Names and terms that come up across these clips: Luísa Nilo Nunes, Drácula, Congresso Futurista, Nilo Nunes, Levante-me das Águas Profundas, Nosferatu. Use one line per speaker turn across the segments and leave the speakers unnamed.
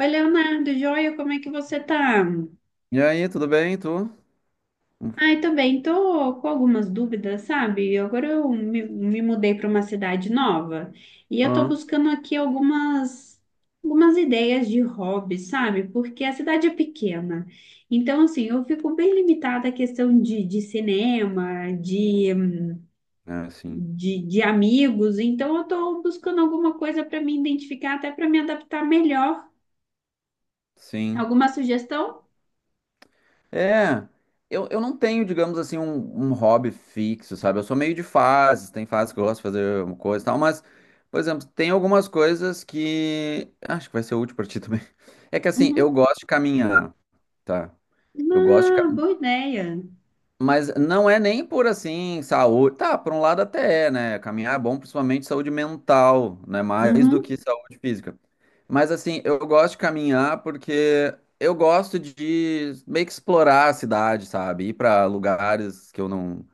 Oi, Leonardo, joia, como é que você tá?
E aí, tudo bem, tu?
Ai, tô bem, tô com algumas dúvidas, sabe? Agora eu me mudei para uma cidade nova e eu tô
Ah,
buscando aqui algumas ideias de hobby, sabe? Porque a cidade é pequena. Então, assim, eu fico bem limitada à questão de cinema, de,
é, sim.
de, de amigos. Então, eu tô buscando alguma coisa para me identificar, até para me adaptar melhor.
Sim.
Alguma sugestão?
É, eu não tenho, digamos assim, um hobby fixo, sabe? Eu sou meio de fases, tem fases que eu gosto de fazer uma coisa e tal, mas, por exemplo, tem algumas coisas que acho que vai ser útil pra ti também. É que assim,
Uhum.
eu gosto de caminhar, tá? Eu gosto de, ca-
Ah, boa ideia.
Mas não é nem por assim, saúde. Tá, por um lado até é, né? Caminhar é bom, principalmente saúde mental, né? Mais do
Uhum,
que saúde física. Mas assim, eu gosto de caminhar porque eu gosto de meio que explorar a cidade, sabe? Ir para lugares que eu não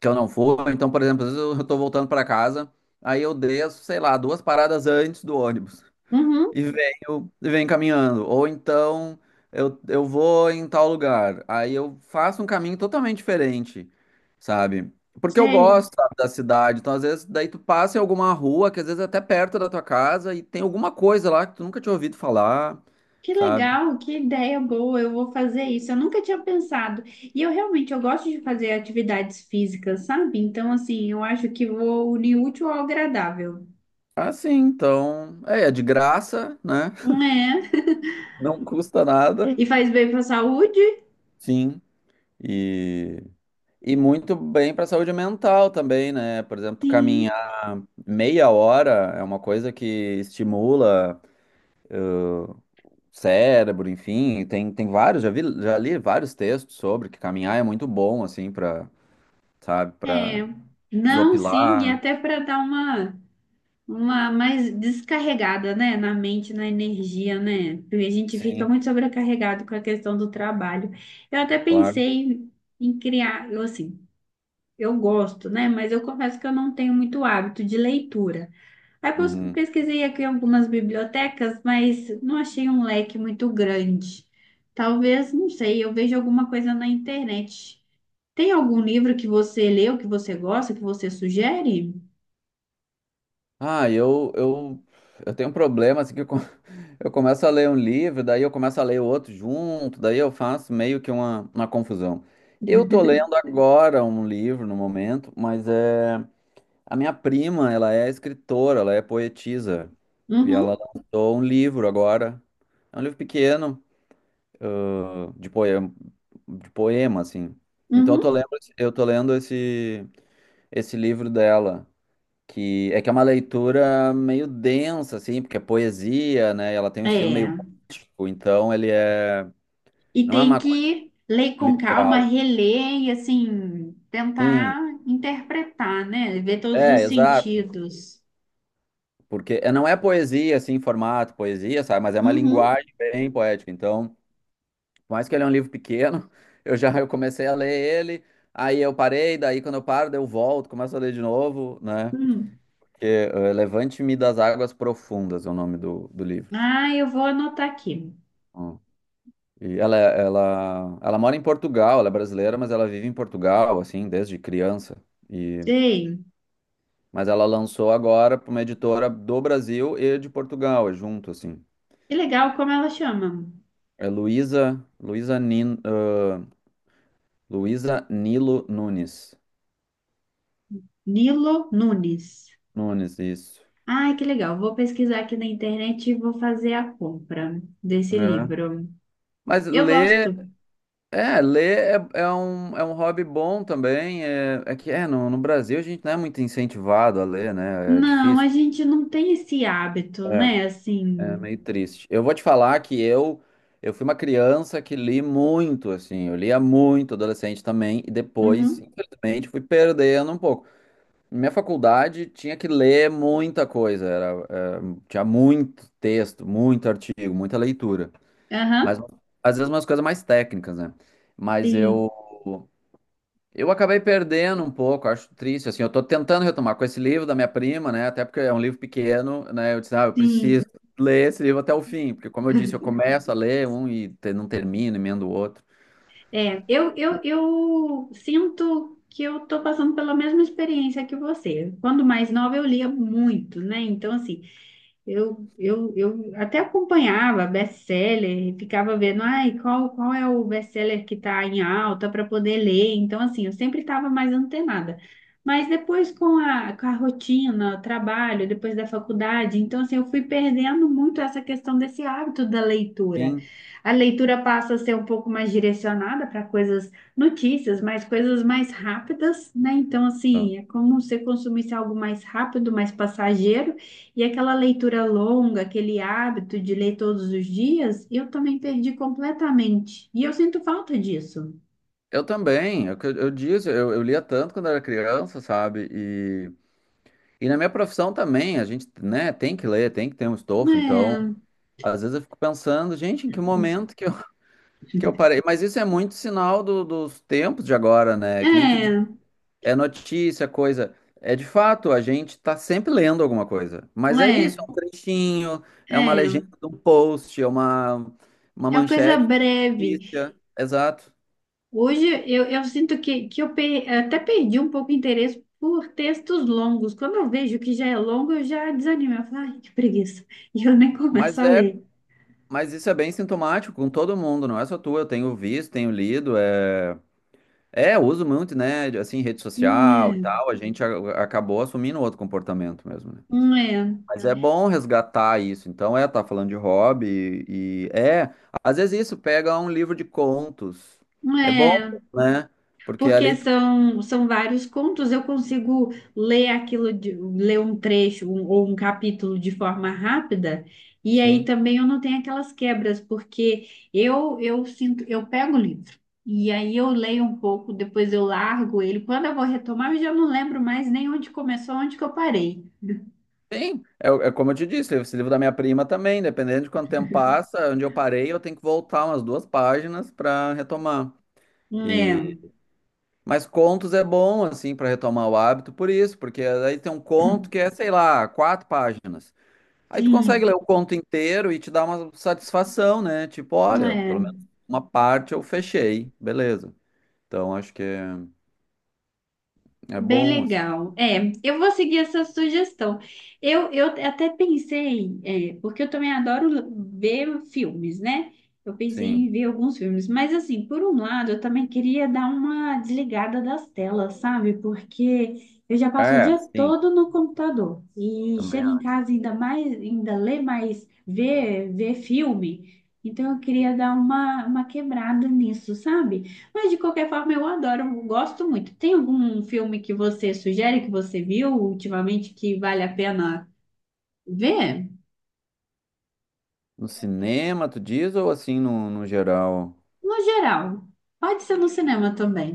que eu não for. Então, por exemplo, às vezes eu tô voltando para casa, aí eu desço, sei lá, duas paradas antes do ônibus
uhum,
e venho caminhando. Ou então eu vou em tal lugar. Aí eu faço um caminho totalmente diferente, sabe? Porque eu
sei.
gosto, sabe, da cidade. Então, às vezes, daí tu passa em alguma rua, que às vezes é até perto da tua casa, e tem alguma coisa lá que tu nunca tinha ouvido falar,
Que
sabe?
legal, que ideia boa. Eu vou fazer isso. Eu nunca tinha pensado. E eu realmente eu gosto de fazer atividades físicas, sabe? Então, assim, eu acho que vou unir o útil ao agradável.
Ah, sim, então. É, é de graça, né?
Né?
Não custa nada.
E faz bem para a saúde?
Sim. E. E muito bem para a saúde mental também, né? Por exemplo,
Sim.
caminhar meia hora é uma coisa que estimula o cérebro, enfim. Tem, tem vários, já vi, já li vários textos sobre que caminhar é muito bom, assim, para, sabe,
É.
para
Não, sim, e
desopilar.
até para dar uma mais descarregada, né, na mente, na energia, né? Porque a gente fica muito
Sim,
sobrecarregado com a questão do trabalho. Eu até
claro.
pensei em criar, eu, assim, eu gosto, né? Mas eu confesso que eu não tenho muito hábito de leitura. Aí
Uhum.
pesquisei aqui algumas bibliotecas, mas não achei um leque muito grande. Talvez, não sei, eu vejo alguma coisa na internet. Tem algum livro que você leu, que você gosta, que você sugere?
Ah, eu tenho um problema, assim, eu começo a ler um livro, daí eu começo a ler o outro junto, daí eu faço meio que uma confusão. Eu tô lendo agora um livro no momento, mas é a minha prima, ela é escritora, ela é poetisa, e ela
Uhum,
lançou um livro agora. É um livro pequeno, ãh, de poema, de poema, assim. Então eu tô
uhum.
lendo, eu tô lendo esse livro dela que é uma leitura meio densa, assim, porque é poesia, né? E ela tem um estilo meio
É.
gótico, então ele é
E
não é
tem
uma coisa
que ler com calma,
literal.
reler e assim,
Sim,
tentar interpretar, né? Ver todos os
é, exato.
sentidos.
Porque não é poesia, assim, em formato poesia, sabe? Mas é uma linguagem bem poética. Então, por mais que ele é um livro pequeno, eu comecei a ler ele, aí eu parei, daí quando eu paro, daí eu volto, começo a ler de novo, né?
Uhum.
Que, Levante-me das Águas Profundas é o nome do, do livro.
Ah, eu vou anotar aqui.
Hum. E ela mora em Portugal, ela é brasileira, mas ela vive em Portugal, assim, desde criança. E,
Ei,
mas ela lançou agora para uma editora do Brasil e de Portugal, é junto, assim.
que legal, como ela chama.
É Luísa Nilo Nunes.
Nilo Nunes.
Nunes, isso.
Ai, que legal. Vou pesquisar aqui na internet e vou fazer a compra desse
É.
livro.
Mas
Eu gosto.
ler é, é um hobby bom também. É, é que é, no, No Brasil a gente não é muito incentivado a ler, né? É
Não,
difícil.
a gente não tem esse hábito,
É.
né?
É
Assim.
meio triste. Eu vou te falar que eu fui uma criança que li muito, assim, eu lia muito adolescente também e depois,
Uhum.
infelizmente, fui perdendo um pouco. Minha faculdade tinha que ler muita coisa, tinha muito texto, muito artigo, muita leitura, mas
Aham.
às vezes umas coisas mais técnicas, né? Mas
Sim,
eu eu acabei perdendo um pouco, acho triste, assim, eu tô tentando retomar com esse livro da minha prima, né, até porque é um livro pequeno, né, eu disse, ah, eu
sim.
preciso ler esse livro até o fim, porque como eu disse, eu começo a ler um não termino, emendo o outro.
É, eu sinto que eu tô passando pela mesma experiência que você. Quando mais nova, eu lia muito, né? Então, assim. Eu até acompanhava best-seller, e ficava vendo, ai, qual é o best-seller que está em alta para poder ler. Então, assim, eu sempre estava mais antenada. Mas depois com a rotina, o trabalho, depois da faculdade, então, assim, eu fui perdendo muito essa questão desse hábito da leitura.
Sim.
A leitura passa a ser um pouco mais direcionada para coisas, notícias, mas coisas mais rápidas, né? Então, assim, é como se consumisse algo mais rápido, mais passageiro. E aquela leitura longa, aquele hábito de ler todos os dias, eu também perdi completamente. E eu sinto falta disso.
Eu também, é o que eu disse, eu lia tanto quando era criança, sabe, e na minha profissão também, a gente, né, tem que ler, tem que ter um estofo, então, às vezes eu fico pensando, gente, em que momento que eu, que eu parei, mas isso é muito sinal dos tempos de agora,
É,
né, que nem tu.
é,
É notícia, coisa. É de fato, a gente está sempre lendo alguma coisa. Mas é isso,
é,
é um trechinho, é uma
é.
legenda de um post, é uma
É uma coisa
manchete,
breve.
notícia. Exato.
Hoje eu sinto que eu até perdi um pouco o interesse por textos longos. Quando eu vejo que já é longo, eu já desanimo. Eu falo, ai, que preguiça. E eu nem começo
Mas
a
é,
ler.
mas isso é bem sintomático com todo mundo, não é só tu. Eu tenho visto, tenho lido, eu uso muito, né, de, assim, rede social e
É,
tal. A gente acabou assumindo outro comportamento mesmo, né?
é,
Mas é bom resgatar isso. Então, é, tá falando de hobby e é, às vezes isso pega um livro de contos. É bom,
é.
né? Porque
Porque
ali tu,
são, são vários contos, eu consigo ler aquilo, de, ler um trecho ou um capítulo de forma rápida, e aí
sim.
também eu não tenho aquelas quebras, porque eu sinto, eu pego o livro, e aí eu leio um pouco, depois eu largo ele. Quando eu vou retomar, eu já não lembro mais nem onde começou, onde que eu parei.
Sim, é, é como eu te disse, esse livro da minha prima também, dependendo de quanto tempo passa, onde eu parei, eu tenho que voltar umas duas páginas para retomar.
É,
E mas contos é bom assim para retomar o hábito por isso, porque aí tem um conto que é, sei lá, quatro páginas. Aí tu consegue ler
sim,
o conto inteiro e te dá uma satisfação, né? Tipo, olha, pelo
é.
menos uma parte eu fechei, beleza. Então acho que é, é
Bem
bom, assim.
legal. É, eu vou seguir essa sugestão. Eu até pensei, é, porque eu também adoro ver filmes, né? Eu pensei em
Sim.
ver alguns filmes, mas assim, por um lado, eu também queria dar uma desligada das telas, sabe? Porque eu já passo o
É,
dia
sim,
todo no computador e
também
chego em
acho.
casa ainda mais, ainda ler mais, ver, ver filme. Então eu queria dar uma quebrada nisso, sabe? Mas de qualquer forma eu adoro, eu gosto muito. Tem algum filme que você sugere que você viu ultimamente que vale a pena ver?
No cinema, tu diz, ou assim no geral?
No geral, pode ser no cinema também.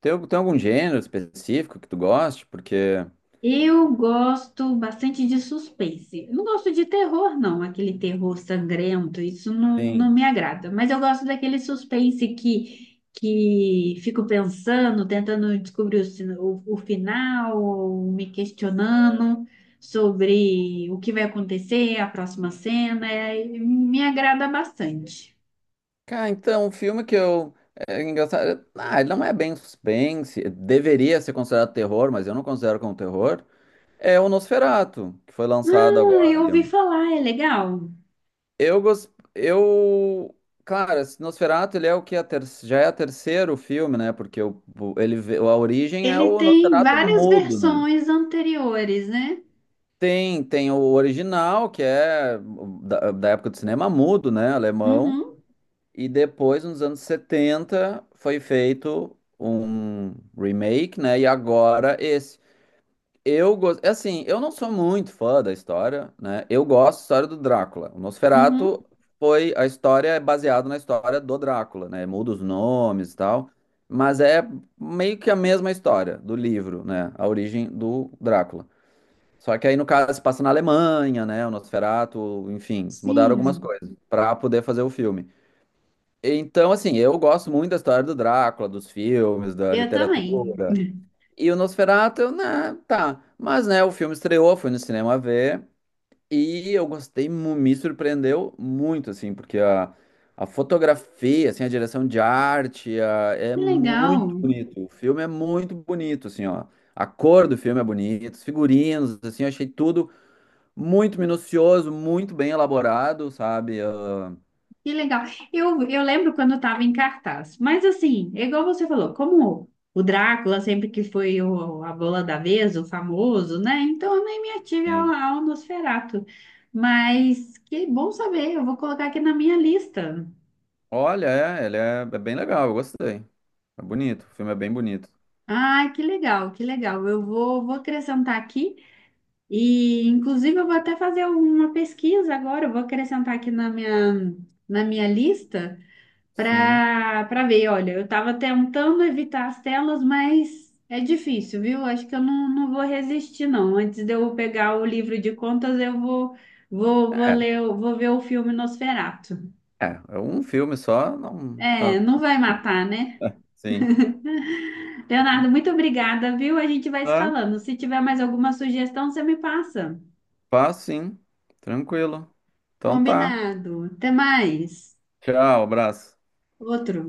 Tem, tem algum gênero específico que tu goste? Porque,
Eu gosto bastante de suspense. Eu não gosto de terror, não, aquele terror sangrento, isso não, não
sim.
me agrada. Mas eu gosto daquele suspense que fico pensando, tentando descobrir o, o final, ou me questionando sobre o que vai acontecer, a próxima cena. É- me agrada bastante.
Cara, então, um filme que eu. É engraçado. Ah, ele não é bem suspense. Deveria ser considerado terror, mas eu não considero como terror. É o Nosferatu, que foi lançado
Ah,
agora.
eu ouvi falar, é legal.
Eu gosto. Eu. Cara, esse Nosferatu, ele é o que? Já é o terceiro filme, né? Porque a origem é
Ele
o
tem
Nosferatu
várias
mudo, né?
versões anteriores, né?
Tem, tem o original, que é da época do cinema mudo, né? Alemão.
Uhum,
E depois, nos anos 70 foi feito um remake, né? E agora esse. Eu gosto, assim, eu não sou muito fã da história, né? Eu gosto da história do Drácula. O
uhum.
Nosferatu foi a história é baseada na história do Drácula, né? Muda os nomes e tal, mas é meio que a mesma história do livro, né? A origem do Drácula. Só que aí no caso se passa na Alemanha, né? O Nosferatu, enfim, eles mudaram algumas
Sim,
coisas para poder fazer o filme. Então, assim, eu gosto muito da história do Drácula, dos filmes, da
eu também.
literatura. E o Nosferatu, eu, né, tá. Mas, né, o filme estreou, fui no cinema ver. E eu gostei, me surpreendeu muito, assim, porque a fotografia, assim, a direção de arte, é
Que
muito
legal,
bonito. O filme é muito bonito, assim, ó. A cor do filme é bonita, os figurinos, assim, eu achei tudo muito minucioso, muito bem elaborado, sabe? Ah,
que legal. Eu lembro quando estava em cartaz, mas assim, é igual você falou, como o Drácula sempre que foi a bola da vez, o famoso, né? Então eu nem me ative ao,
sim.
ao Nosferatu. Mas que bom saber, eu vou colocar aqui na minha lista.
Olha, é, ele é, é bem legal, eu gostei. É bonito, o filme é bem bonito.
Ah, que legal, que legal. Eu vou, vou acrescentar aqui e, inclusive, eu vou até fazer uma pesquisa agora. Eu vou acrescentar aqui na minha lista,
Sim.
para para ver. Olha, eu estava tentando evitar as telas, mas é difícil, viu? Acho que eu não, não vou resistir, não. Antes de eu pegar o livro de contas, eu vou vou, vou
É.
ler, vou ver o filme Nosferatu.
É, é um filme só, não. Tá,
É, não
tá.
vai matar, né?
É, sim.
Leonardo, muito obrigada, viu? A gente vai se
Tá,
falando. Se tiver mais alguma sugestão, você me passa.
fácil, sim. Tranquilo. Então tá.
Combinado. Até mais.
Tchau, abraço.
Outro.